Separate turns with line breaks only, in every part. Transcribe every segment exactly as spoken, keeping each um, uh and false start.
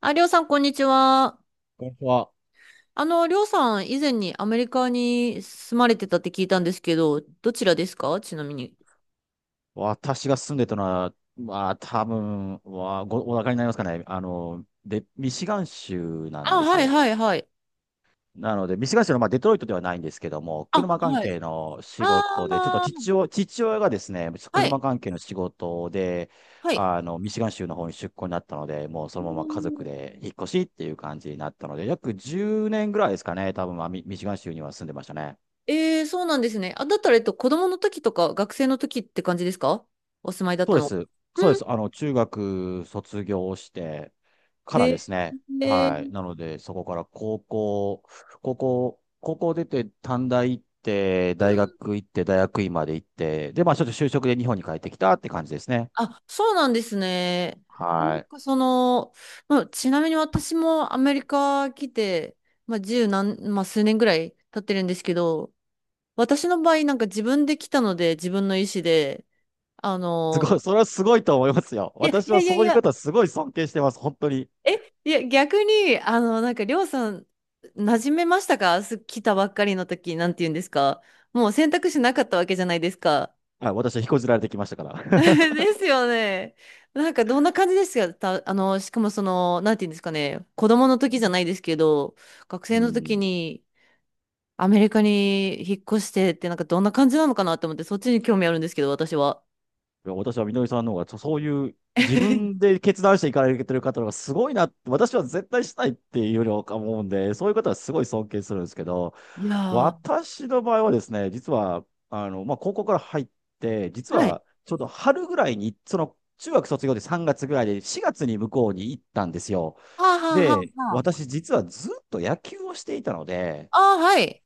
あ、りょうさん、こんにちは。
ここは、
あの、りょうさん、以前にアメリカに住まれてたって聞いたんですけど、どちらですかちなみに？
私が住んでたのは、まあ、多分はご、お分かりになりますかね。あの、で、ミシガン州なん
あ、
です
はい
よ。
はいはい。
なので、ミシガン州の、まあ、デトロイトではないんですけども、
あ、
車関
はい。
係の仕事で、ちょっと
あー、
父親、父親がですね、
は
車
い、
関係の仕事で、
はい。
あの、ミシガン州の方に出向になったので、もうそ
う
のまま家族
ん。
で引っ越しっていう感じになったので、約じゅうねんぐらいですかね、多分、まあ、ミミシガン州には住んでましたね。
えー、そうなんですね。あ、だったら、えっと、子供の時とか学生の時って感じですかお住まいだっ
そう
た
で
の？
す。そうで
うん。
す。あの、中学卒業してか
へ
らで
え。
すね。
へ
は
ー。
い。なので、そこから高校、高校、高校出て短大行って、
う
大
ん。
学行って、大学院まで行って、で、まあちょっと就職で日本に帰ってきたって感じですね。
あ、そうなんですね。な
は
ん
い。
かその、まあ、ちなみに私もアメリカ来て、まあ、十何、まあ、数年ぐらい経ってるんですけど、私の場合なんか自分で来たので自分の意思で、あ
すご
の、
い、それはすごいと思いますよ。
いやい
私
や
は
いや
そ
い
ういう
や、
方すごい尊敬してます。本当に。
え、いや逆に、あの、なんかりょうさん、馴染めましたか？す来たばっかりの時、なんて言うんですか？もう選択肢なかったわけじゃないですか。
はい。私は引こずられてきましたか ら。
ですよね。なんかどんな感じですか？た、あの、しかもその、なんていうんですかね、子供の時じゃないですけど、学
う
生の時
ん。
にアメリカに引っ越してって、なんかどんな感じなのかなと思って、そっちに興味あるんですけど、私は。
いや私はみのりさんの方がそ、そういう自分 で決断していかれてる方の方がすごいなって、私は絶対したいっていうよりは思うんで、そういう方はすごい尊敬するんですけど、
いやー、
私の場合はですね、実は、あの、まあ、高校から入って、実
はい。
はちょうど春ぐらいに、その、中学卒業でさんがつぐらいでしがつに向こうに行ったんですよ。
はあはあはあ
で、
はあ。
私実はずっと野球をしていたので、
ああ、はい。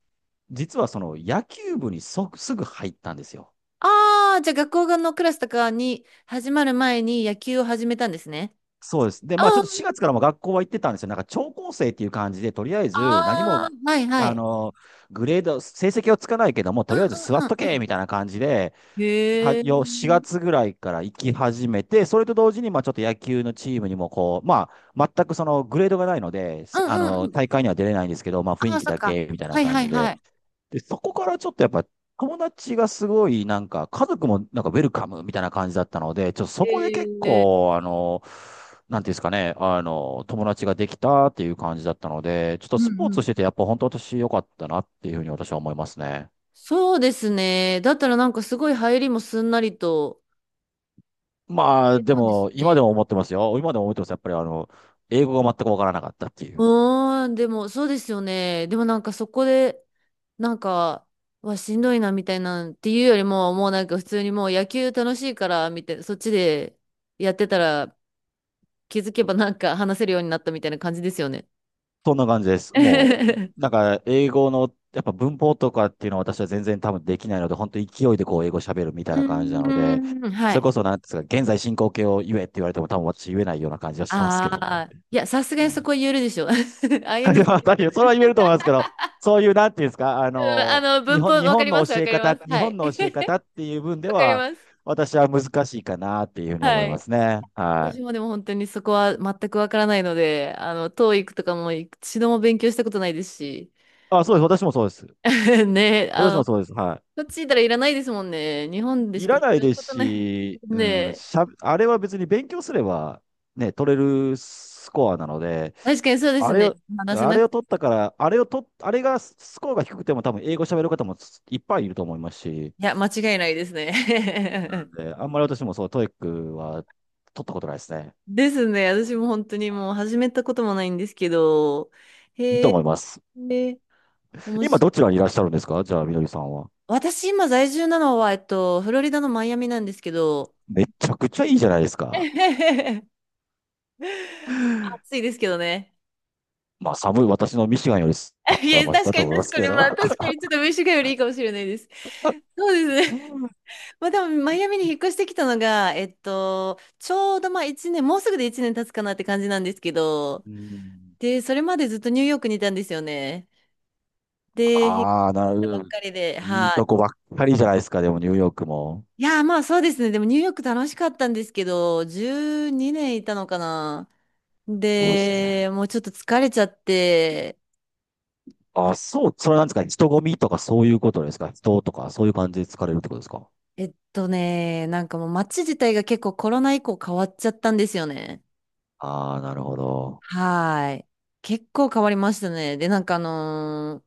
実はその野球部にそすぐ入ったんですよ。
ああ、じゃあ学校のクラスとかに始まる前に野球を始めたんですね。
そうです。で、
あ
まあちょっとしがつからも学校は行ってたんですよ。なんか超高生っていう感じで、とりあえず何も、
あ、ああ、はいは
あ
い。
の、グレード、成績をつかないけども、
う
と
ん
りあえず座
う
っ
ん
と
う
け
ん
みたいな感じで、
うん。
は
へえ。う
よ4
ん
月ぐらいから行き始めて、それと同時に、まあちょっと野球のチームにもこう、まあ全くそのグレードがないので、
う
せあ
んう
の、
ん。
大会には出れないんですけど、まあ雰
あ
囲
あ、
気
そっ
だ
か。
けみたいな
はい
感
は
じ
いは
で、
い。
で、そこからちょっとやっぱ友達がすごいなんか家族もなんかウェルカムみたいな感じだったので、ちょっとそこで結
ええ。
構あの、なんていうんですかね、あの、友達ができたっていう感じだったので、ちょっと
うん
スポー
う
ツして
ん。
てやっぱ本当私良かったなっていうふうに私は思いますね。
そうですね。だったらなんかすごい入りもすんなりと。
まあ
出
で
たんで
も
す
今で
ね。
も思ってますよ。今でも思ってます。やっぱりあの、英語が全くわからなかったっていう。
うーん、でもそうですよね。でもなんかそこで、なんか、はしんどいなみたいなんっていうよりも、もうなんか普通にもう野球楽しいから、みたいな、そっちでやってたら気づけばなんか話せるようになったみたいな感じですよね。
そんな感じです。もう、
う
なんか、英語の、やっぱ文法とかっていうのは私は全然多分できないので、本当勢いでこう、英語喋るみたいな感じな
ー
ので、
ん、は
それこ
い。
そ、なんですか、現在進行形を言えって言われても多分私言えないような感じはしてますけ
あ
どね。
あ、いや、さすがにそ
はい
こは言えるでしょ。
いやい
アイエヌジー。
やそれは言えると思いますけど、そういう、なんていうんですか、あ
うん、あ
の、
の、
日
文法、
本、日
わか
本
りま
の
す、わ
教え
かり
方、
ます。
日
はい。
本の教え方っていう分 で
わかり
は、
ます。
私は難しいかなっていうふうに思
は
いま
い。
すね。は
私
い。
もでも本当にそこは全くわからないので、あの、トーイ i とかも一度も勉強したことないですし、
あ、そうです。私もそうです。
ね、あ
私
の、
もそうです。はい。
こっちいたらいらないですもんね。日本でし
い
か
らない
使う
で
こ
す
とない。
し、う
ね
ん、
え、
しゃ、あれは別に勉強すれば、ね、取れるスコアなので、
確かにそうで
あ
す
れ
ね。
を、
話せ
あ
な
れ
く、
を
い
取ったから、あれを取っ、あれがスコアが低くても多分英語喋る方もいっぱいいると思いますし、
や、間違いないですね。
で、あんまり私もそう、トイックは取ったことないですね。
ですね。私も本当にもう始めたこともないんですけど、
いい
へ
と思い
え、
ます。
へえ。面
今
白
ど
い。
ちらにいらっしゃるんですか？じゃあ、みのりさんは。
私今在住なのは、えっと、フロリダのマイアミなんですけど、
めちゃくちゃいいじゃないですか。
暑いですけどね。
まあ、寒い、私のミシガンより寒
いや、
い
確
だ
か
と
に
思いま
確
す
か
け
に、ま
ど。
あ確かにちょっとミシガンよりいいかもしれないです。そうです
う
ね。まあでも、マイアミに引っ越してきたのが、えっと、ちょうどまあいちねん、もうすぐでいちねん経つかなって感じなんですけど、
ん、
で、それまでずっとニューヨークにいたんですよね。で、引っ越し
ああ、な
たばっ
る、
かりで、
いい
はい。
とこばっかりじゃないですか、でもニューヨークも。
いやー、まあそうですね。でもニューヨーク楽しかったんですけど、じゅうにねんいたのかな。
そうですね。
で、もうちょっと疲れちゃって、
あ、そう、それなんですか、人混みとかそういうことですか、人とかそういう感じで疲れるってことですか。
えっとね、なんかもう街自体が結構コロナ以降変わっちゃったんですよね。
ああー、なるほど。
はーい。結構変わりましたね。で、なんかあのー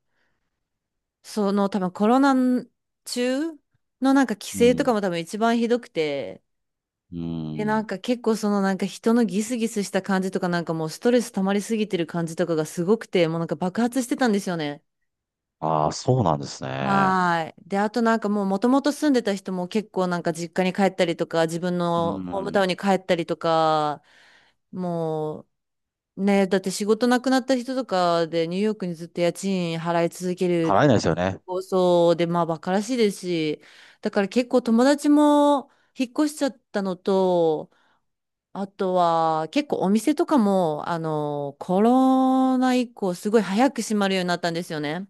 その多分コロナ中のなんか規
う
制と
ん。
かも多分一番ひどくて、
う
で、なん
ん。
か結構そのなんか人のギスギスした感じとかなんかもうストレス溜まりすぎてる感じとかがすごくて、もうなんか爆発してたんですよね。
ああ、そうなんですね。
はい。で、あとなんかもうもともと住んでた人も結構なんか実家に帰ったりとか、自分
う
のホームタウ
ん。
ンに帰ったりとか、もうね、だって仕事なくなった人とかでニューヨークにずっと家賃払い続ける
払えないですよね。
構想で、まあバカらしいですし、だから結構友達も引っ越しちゃったのと、あとは結構お店とかも、あの、コロナ以降すごい早く閉まるようになったんですよね。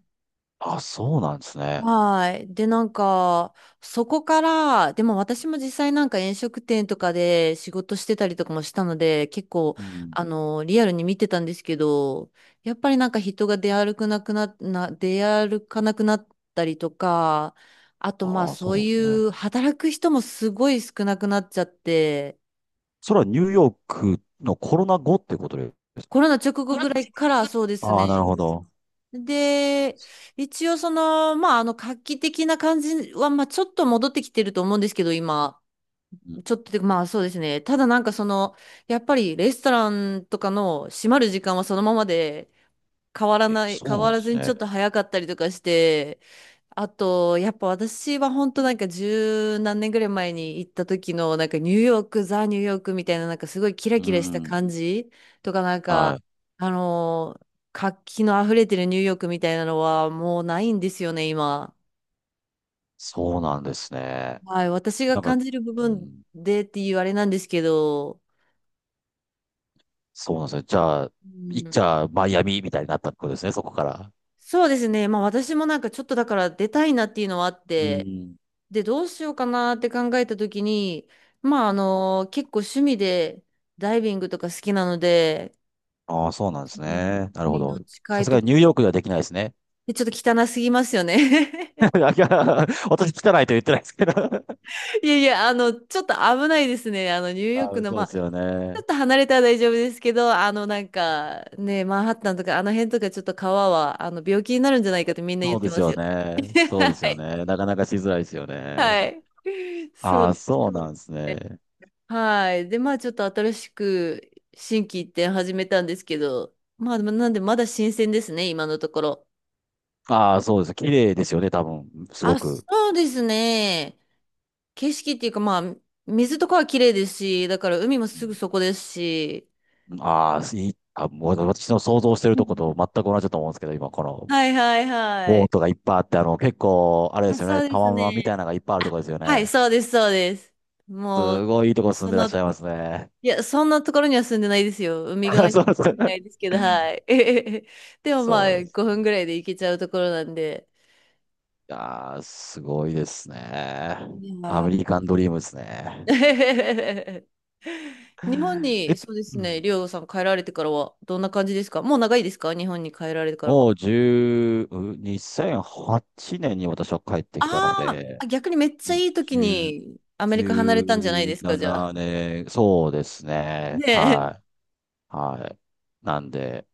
ああ、そうなんですね。
はい。で、なんか、そこから、でも私も実際なんか飲食店とかで仕事してたりとかもしたので、結構、
うん。
あの、リアルに見てたんですけど、やっぱりなんか人が出歩くなくな、な、出歩かなくなったりとか、あとまあ
ああ、そ
そ
う
う
なんで
い
すね。
う働く人もすごい少なくなっちゃって、
それはニューヨークのコロナ後ってことで。
コロナ直後ぐらいからそうです
ああ、なる
ね。
ほど。
で、一応その、まあ、あの、画期的な感じは、まあ、ちょっと戻ってきてると思うんですけど、今。
うん、
ちょっとで、まあそうですね。ただなんかその、やっぱりレストランとかの閉まる時間はそのままで変わら
え、
ない、
そ
変
うな
わ
んで
らず
す
にちょっ
ね。
と早かったりとかして、あと、やっぱ私は本当なんか十何年ぐらい前に行った時のなんかニューヨーク、ザ・ニューヨークみたいななんかすごいキラ
う
キラした
ん。
感じとかなんか、
はい。
あのー活気の溢れてるニューヨークみたいなのはもうないんですよね、今。
そうなんですね。
はい、私が
なんか、
感じる部
う
分
ん、
でっていうあれなんですけど、
そうなんですよ。じゃあ、
う
いっ
ん。
ちゃあマイアミみたいになったってことですね、そこから。
そうですね。まあ私もなんかちょっとだから出たいなっていうのはあっ
う
て、
ん。
で、どうしようかなって考えたときに、まああの、結構趣味でダイビングとか好きなので、
ああ、そうなんで
う
す
ん。
ね。なるほ
海の
ど。
近
さ
い
す
と
がに
こ、
ニューヨークではできないですね。
でちょっと汚すぎますよね。
だから私汚いと言ってないですけど。
いやいや、あの、ちょっと危ないですね。あの、ニューヨー
あ
ク
ー
の、
そう
ま
で
あ、
すよ
ちょ
ね。
っと離れたら大丈夫ですけど、あの、なんか、ね、マンハッタンとか、あの辺とかちょっと川は、あの、病気になるんじゃないかってみんな言
そ
っ
う
て
です
ます
よ
よ。
ね。そう
は
ですよ
い。
ね。なかなかしづらいですよね。
はい。そう
あ
で
あ、
す
そうなんです
ね。
ね。
はい。で、まあちょっと新しく新規一点始めたんですけど、まあなんでまだ新鮮ですね、今のところ。
ああ、そうです。綺麗ですよね、多分。すご
あ、そ
く。
うですね。景色っていうかまあ、水とかは綺麗ですし、だから海もすぐそこですし。
ああ、いい。あ、もう私の想像してる
う
とこと
ん。
全く同じだと思うんですけど、今、この
はいはいは
ボー
い。
トがいっぱいあって、あの、結構、あれで
あ、
すよね、
そうで
タ
す
ワマンみたい
ね。
なのがいっぱいあると
あ、
こですよ
はい、
ね。
そうですそうです。もう、
すごいいいとこ住
そ
んでらっし
の、
ゃいますね。
いや、そんなところには住んでないですよ。海 側に
そ
は
う
住
で
んでない
す。
ですけど、はい。でもま
そう
あ
です。
ごふんぐらいで行けちゃうところなんで。
いやー、すごいですね。
い
ア
やー
メリカンドリームですね。
日本
え、
に、そうで
う
すね、
ん、
りょうさん帰られてからは、どんな感じですか？もう長いですか日本に帰られてからは？
もう1うにせんはちねんに私は帰ってきたの
あー
で、
あ、逆にめっちゃいい時
にじゅう、
にアメリカ離れたんじゃないですか、
17
じゃあ。
年、そうです
ね
ね。
え。
はい。はい。なんで、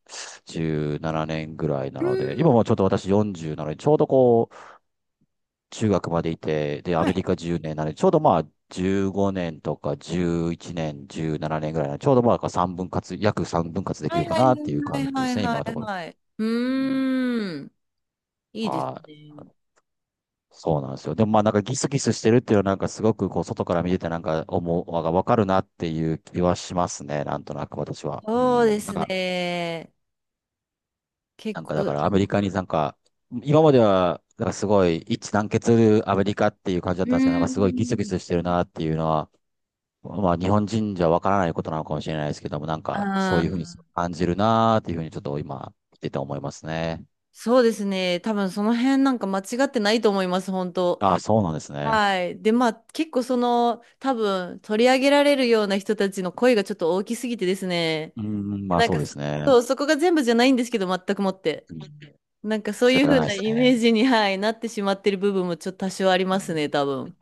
じゅうななねんぐらいな
う
ので、今
ん、
もちょっと私よんじゅうなので、ちょうどこう、中学までいて、で、ア
は
メ
い。
リカじゅうねんなので、ちょうどまあ、じゅうごねんとかじゅういちねん、じゅうななねんぐらいなので、ちょうどまあ、3分割、約3分割でき
は
る
い
か
はい
なっていう
は
感じ
い
で
はい
すね、今
は
のと
い
ころ。
はい。う
うん。
ーん、いいです
はい。
ね。
そうなんですよ。でもまあなんかギスギスしてるっていうのはなんかすごくこう外から見ててなんか思う、わかるなっていう気はしますね。なんとなく私は。う
そうで
ん。なん
す
か
ね。結
なんか
構、
だか
う
らアメリカになんか、今まではなんかすごい一致団結するアメリカっていう感じだっ
ー
たんですけど、なんかすごいギスギス
ん、
してるなっていうのは、まあ日本人じゃわからないことなのかもしれないですけども、なんかそ
あ
ういうふうに
ー、
感じるなっていうふうにちょっと今見てて思いますね。
そうですね。多分その辺なんか間違ってないと思います、本当。
ああ、そうなんですね。
はい。で、まあ、結構その、多分、取り上げられるような人たちの声がちょっと大きすぎてですね。
うーん、
で
まあ
なん
そ
か
うで
そ、
すね。
そう、そこが全部じゃないんですけど、全くもって。
うん、
なんかそう
仕
い
方
う
が
風
ないで
な
す
イ
ね。
メージに、はい、なってしまってる部分もちょっと多少あり
う
ますね、
ん、
多分。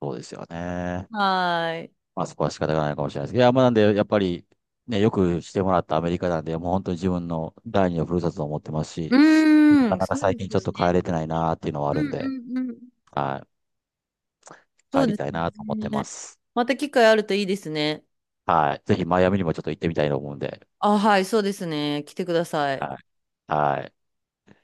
そうですよね。
はい。
まあそこは仕方がないかもしれないですけど、いや、まあなんで、やっぱり、ね、よくしてもらったアメリカなんで、もう本当に自分の第二のふるさとと思ってます
う
し、な
ー
か
ん、
なか
そう
最
で
近
す
ちょ
よ
っと帰
ね。
れてないなっていうのは
う
あるんで、
んうんうん。
はい、
そう
帰り
です
たいなと思ってま
ね。
す。
また機会あるといいですね。
はい。ぜひマイアミにもちょっと行ってみたいと思うんで、
あ、はい、そうですね。来てください。
はい。はい。